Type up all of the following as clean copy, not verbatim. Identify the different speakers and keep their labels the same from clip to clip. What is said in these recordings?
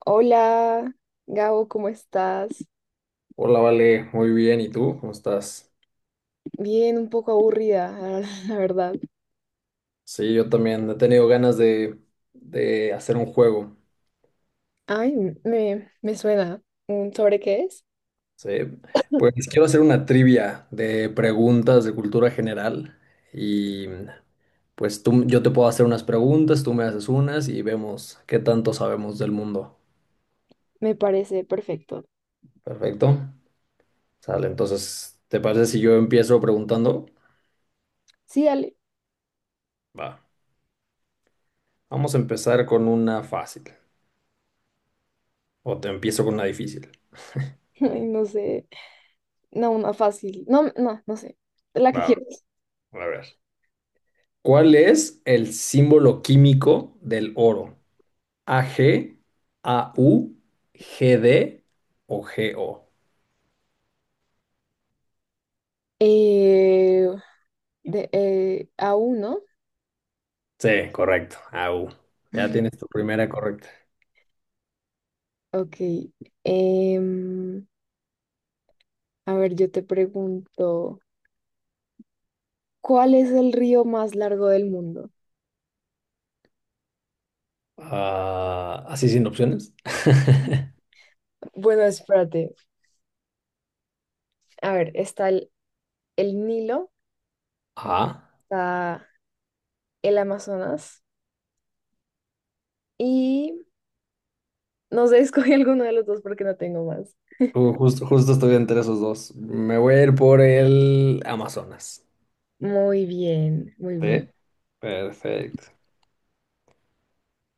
Speaker 1: Hola, Gabo, ¿cómo estás?
Speaker 2: Hola, Vale, muy bien. ¿Y tú? ¿Cómo estás?
Speaker 1: Bien, un poco aburrida, la verdad.
Speaker 2: Sí, yo también he tenido ganas de hacer un juego.
Speaker 1: Ay, me suena. Mm, ¿sobre qué es?
Speaker 2: Sí, pues quiero hacer una trivia de preguntas de cultura general y yo te puedo hacer unas preguntas, tú me haces unas y vemos qué tanto sabemos del mundo.
Speaker 1: Me parece perfecto.
Speaker 2: Perfecto. Sale, entonces, ¿te parece si yo empiezo preguntando?
Speaker 1: Sí, dale.
Speaker 2: Va. Vamos a empezar con una fácil o te empiezo con una difícil.
Speaker 1: Ay, no sé. No, una fácil. No, no sé. La que
Speaker 2: Va,
Speaker 1: quieras.
Speaker 2: a ver. ¿Cuál es el símbolo químico del oro? ¿AG, AU, GD o GO?
Speaker 1: Eh, aún, ¿no?
Speaker 2: Sí, correcto, AU. Ya tienes tu primera correcta.
Speaker 1: Ok. em, a ver, yo te pregunto, ¿cuál es el río más largo del mundo?
Speaker 2: Ah, ¿así sin opciones?
Speaker 1: Bueno, espérate. A ver, está el Nilo,
Speaker 2: Ah,
Speaker 1: está el Amazonas y no sé, escogí alguno de los dos porque no tengo más.
Speaker 2: justo estoy entre esos dos. Me voy a ir por el Amazonas.
Speaker 1: Muy bien, muy
Speaker 2: Sí,
Speaker 1: bien.
Speaker 2: perfecto.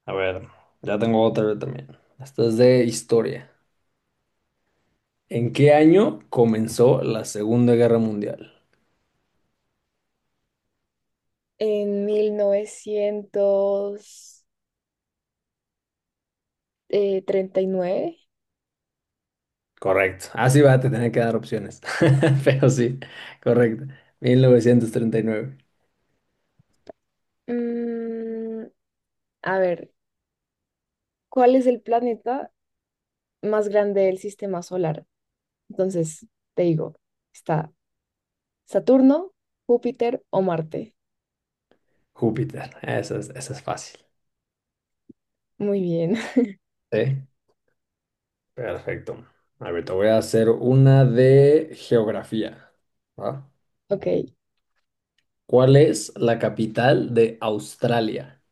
Speaker 2: A ver, ya tengo otra también. Esta es de historia. ¿En qué año comenzó la Segunda Guerra Mundial?
Speaker 1: En 1939,
Speaker 2: Correcto. Así va a te tener que dar opciones. Pero sí, correcto. 1939.
Speaker 1: mm, a ver, ¿cuál es el planeta más grande del sistema solar? Entonces, te digo, está Saturno, Júpiter o Marte.
Speaker 2: Júpiter. Esa es fácil.
Speaker 1: Muy bien,
Speaker 2: Sí, perfecto. A ver, te voy a hacer una de geografía. ¿Va?
Speaker 1: ok.
Speaker 2: ¿Cuál es la capital de Australia?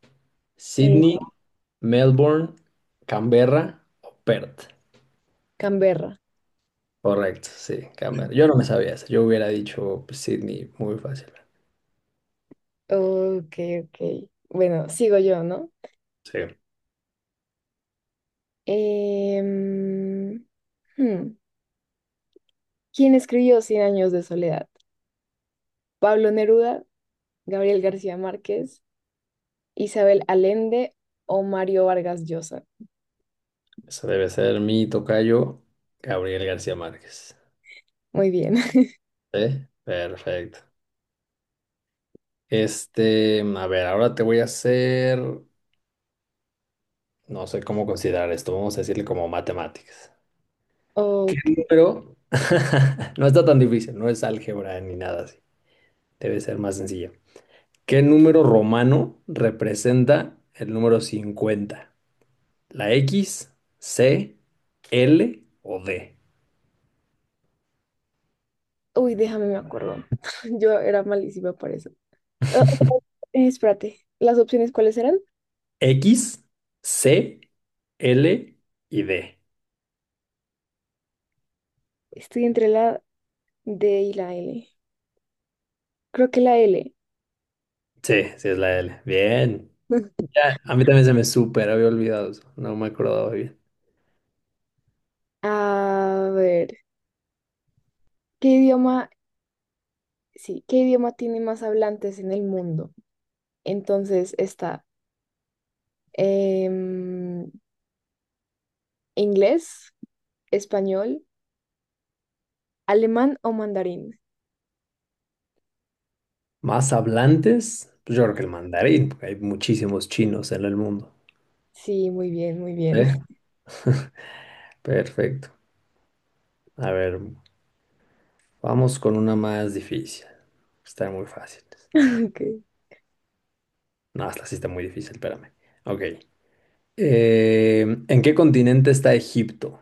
Speaker 1: Eh,
Speaker 2: ¿Sydney, Melbourne, Canberra o Perth?
Speaker 1: Canberra.
Speaker 2: Correcto, sí, Canberra. Yo no me sabía eso. Yo hubiera dicho pues, Sydney muy fácil.
Speaker 1: Ok, ok. Bueno, sigo yo, ¿no?
Speaker 2: Sí.
Speaker 1: Em, hmm, ¿Quién escribió Cien años de soledad? ¿Pablo Neruda, Gabriel García Márquez, Isabel Allende o Mario Vargas Llosa?
Speaker 2: Eso debe ser mi tocayo, Gabriel García Márquez.
Speaker 1: Muy bien.
Speaker 2: ¿Sí? Perfecto. Este, a ver, ahora te voy a hacer, no sé cómo considerar esto, vamos a decirle como matemáticas. ¿Qué
Speaker 1: Ok.
Speaker 2: número? No está tan difícil, no es álgebra ni nada así. Debe ser más sencilla. ¿Qué número romano representa el número 50? ¿La X, C, L o D?
Speaker 1: Uy, déjame, me acuerdo. Yo era malísima por eso. Ah, Espérate, ¿las opciones cuáles eran?
Speaker 2: X, C, L y D.
Speaker 1: Estoy entre la D y la L. Creo que la L.
Speaker 2: Sí, sí es la L. Bien. Ya, a mí también se me súper había olvidado eso. No me acordaba bien.
Speaker 1: A ver, ¿qué idioma? Sí, ¿qué idioma tiene más hablantes en el mundo? Entonces está Em, inglés, español, alemán o mandarín.
Speaker 2: ¿Más hablantes? Pues yo creo que el mandarín, porque hay muchísimos chinos en el mundo.
Speaker 1: Sí, muy bien, muy bien.
Speaker 2: ¿Eh? Perfecto. A ver, vamos con una más difícil. Está muy fácil.
Speaker 1: Ok.
Speaker 2: No, esta sí está muy difícil, espérame. Ok. Eh, ¿En qué continente está Egipto?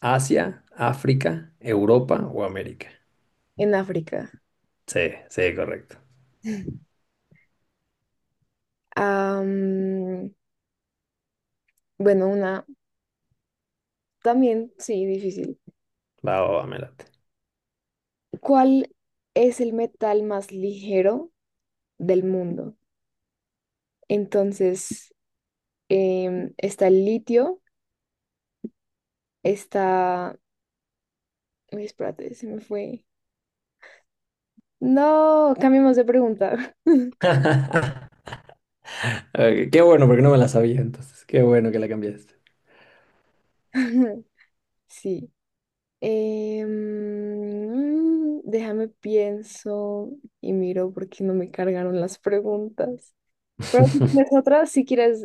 Speaker 2: ¿Asia, África, Europa o América?
Speaker 1: En África.
Speaker 2: Sí, sí, correcto.
Speaker 1: Am, bueno, una también, sí, difícil.
Speaker 2: Va, va, va, me late.
Speaker 1: ¿Cuál es el metal más ligero del mundo? Entonces, está el litio, está... Uy, espérate, se me fue. No, cambiemos de pregunta.
Speaker 2: Ok, qué bueno, porque no me la sabía entonces. Qué bueno que la cambiaste.
Speaker 1: Sí. Déjame pienso y miro porque no me cargaron las preguntas. Pero si tienes otra, si quieres...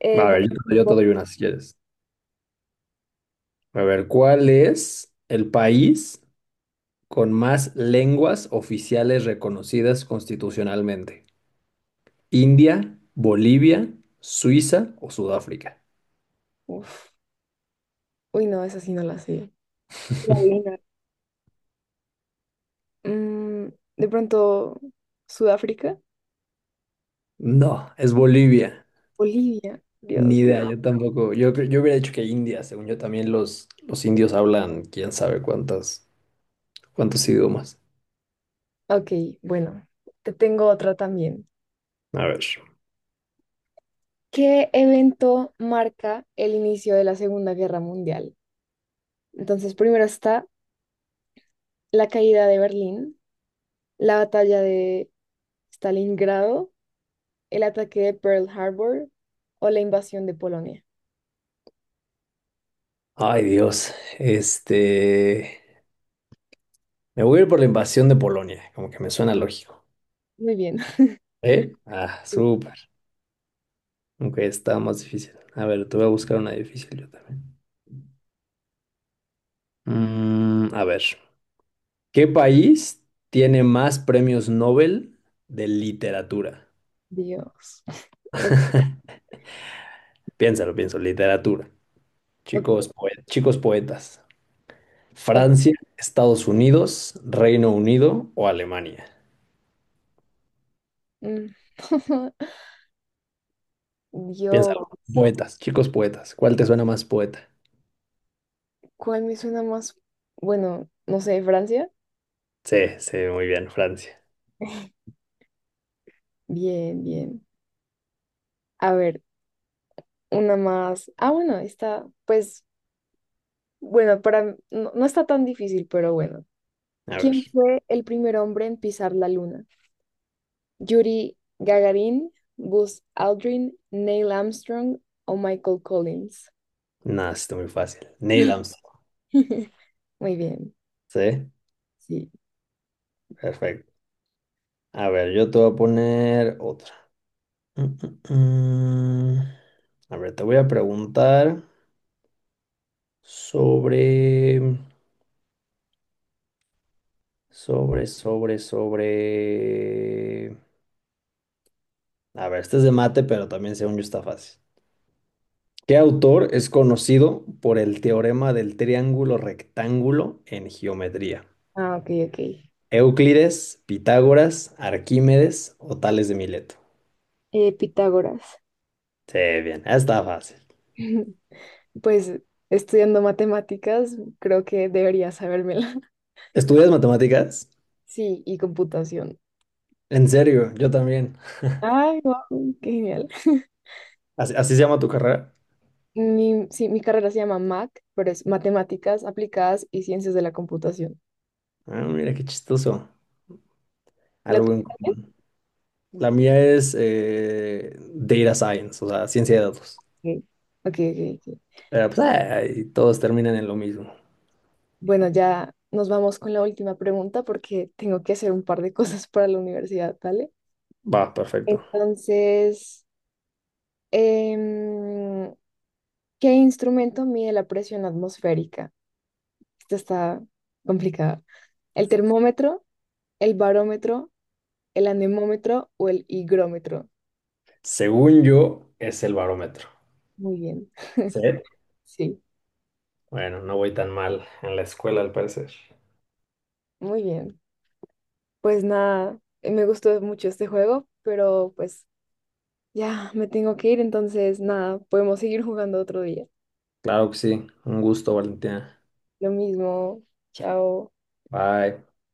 Speaker 1: eh,
Speaker 2: Va, a
Speaker 1: de-
Speaker 2: ver, yo te doy una si quieres. A ver, ¿cuál es el país con más lenguas oficiales reconocidas constitucionalmente? ¿India, Bolivia, Suiza o Sudáfrica?
Speaker 1: Uf, uy, no, esa sí no la sé. La adivinar. Mm, de pronto, Sudáfrica,
Speaker 2: No, es Bolivia.
Speaker 1: Bolivia,
Speaker 2: Ni
Speaker 1: Dios.
Speaker 2: idea, yo tampoco. Yo, yo hubiera dicho que India, según yo también los indios hablan quién sabe cuántas, cuántos idiomas.
Speaker 1: Ok, bueno, te tengo otra también.
Speaker 2: A ver.
Speaker 1: ¿Qué evento marca el inicio de la Segunda Guerra Mundial? Entonces, primero está la caída de Berlín, la batalla de Stalingrado, el ataque de Pearl Harbor o la invasión de Polonia.
Speaker 2: Ay, Dios. Este. Me voy a ir por la invasión de Polonia, como que me suena lógico.
Speaker 1: Muy bien.
Speaker 2: ¿Eh? Ah, súper. Aunque está más difícil. A ver, te voy a buscar una difícil yo también. A ver, ¿qué país tiene más premios Nobel de literatura?
Speaker 1: Dios. Ok,
Speaker 2: Piénsalo, pienso, literatura.
Speaker 1: ok,
Speaker 2: Chicos, poe- chicos poetas.
Speaker 1: ok.
Speaker 2: Francia, Estados Unidos, Reino Unido o Alemania.
Speaker 1: Mm.
Speaker 2: Piénsalo.
Speaker 1: Dios.
Speaker 2: Poetas, chicos poetas. ¿Cuál te suena más poeta?
Speaker 1: ¿Cuál me suena más? Bueno, no sé, Francia.
Speaker 2: Sí, sí, muy bien, Francia.
Speaker 1: Bien, bien. A ver, una más. Ah, bueno, está, pues, bueno, para, no, no está tan difícil, pero bueno.
Speaker 2: A
Speaker 1: ¿Quién
Speaker 2: ver.
Speaker 1: fue el primer hombre en pisar la luna? ¿Yuri Gagarin, Buzz Aldrin, Neil Armstrong o Michael Collins?
Speaker 2: Nada, está muy fácil. Neil Armstrong.
Speaker 1: Muy bien,
Speaker 2: Sí,
Speaker 1: sí.
Speaker 2: perfecto. A ver, yo te voy a poner otra. Mm, mm, mm. A ver, te voy a preguntar sobre, sobre. A ver, este es de mate, pero también según yo está fácil. ¿Qué autor es conocido por el teorema del triángulo rectángulo en geometría?
Speaker 1: Ah, ok, ok.
Speaker 2: ¿Euclides, Pitágoras, Arquímedes o Tales de Mileto?
Speaker 1: Pitágoras.
Speaker 2: Sí, bien, está fácil.
Speaker 1: Pues estudiando matemáticas, creo que debería sabérmela.
Speaker 2: ¿Estudias matemáticas?
Speaker 1: Sí, y computación.
Speaker 2: En serio, yo también.
Speaker 1: Ay, wow, qué genial.
Speaker 2: ¿Así, así se llama tu carrera?
Speaker 1: Sí, mi carrera se llama MAC, pero es Matemáticas Aplicadas y Ciencias de la Computación.
Speaker 2: Ah, mira qué chistoso.
Speaker 1: ¿La
Speaker 2: Algo
Speaker 1: tuya
Speaker 2: en
Speaker 1: también?
Speaker 2: común. La mía es Data Science, o sea, ciencia de datos.
Speaker 1: Ok.
Speaker 2: Pero pues, ay, todos terminan en lo mismo.
Speaker 1: Bueno, ya nos vamos con la última pregunta porque tengo que hacer un par de cosas para la universidad, ¿vale?
Speaker 2: Va, perfecto.
Speaker 1: Entonces, em, ¿qué instrumento mide la presión atmosférica? Esta está complicada. ¿El termómetro, el barómetro, el anemómetro o el higrómetro?
Speaker 2: Según yo, es el barómetro.
Speaker 1: Muy bien,
Speaker 2: ¿Sí?
Speaker 1: sí,
Speaker 2: Bueno, no voy tan mal en la escuela, al parecer.
Speaker 1: muy bien. Pues nada, me gustó mucho este juego, pero pues ya me tengo que ir, entonces nada, podemos seguir jugando otro día.
Speaker 2: Claro que sí. Un gusto, Valentina.
Speaker 1: Lo mismo. Chao.
Speaker 2: Bye.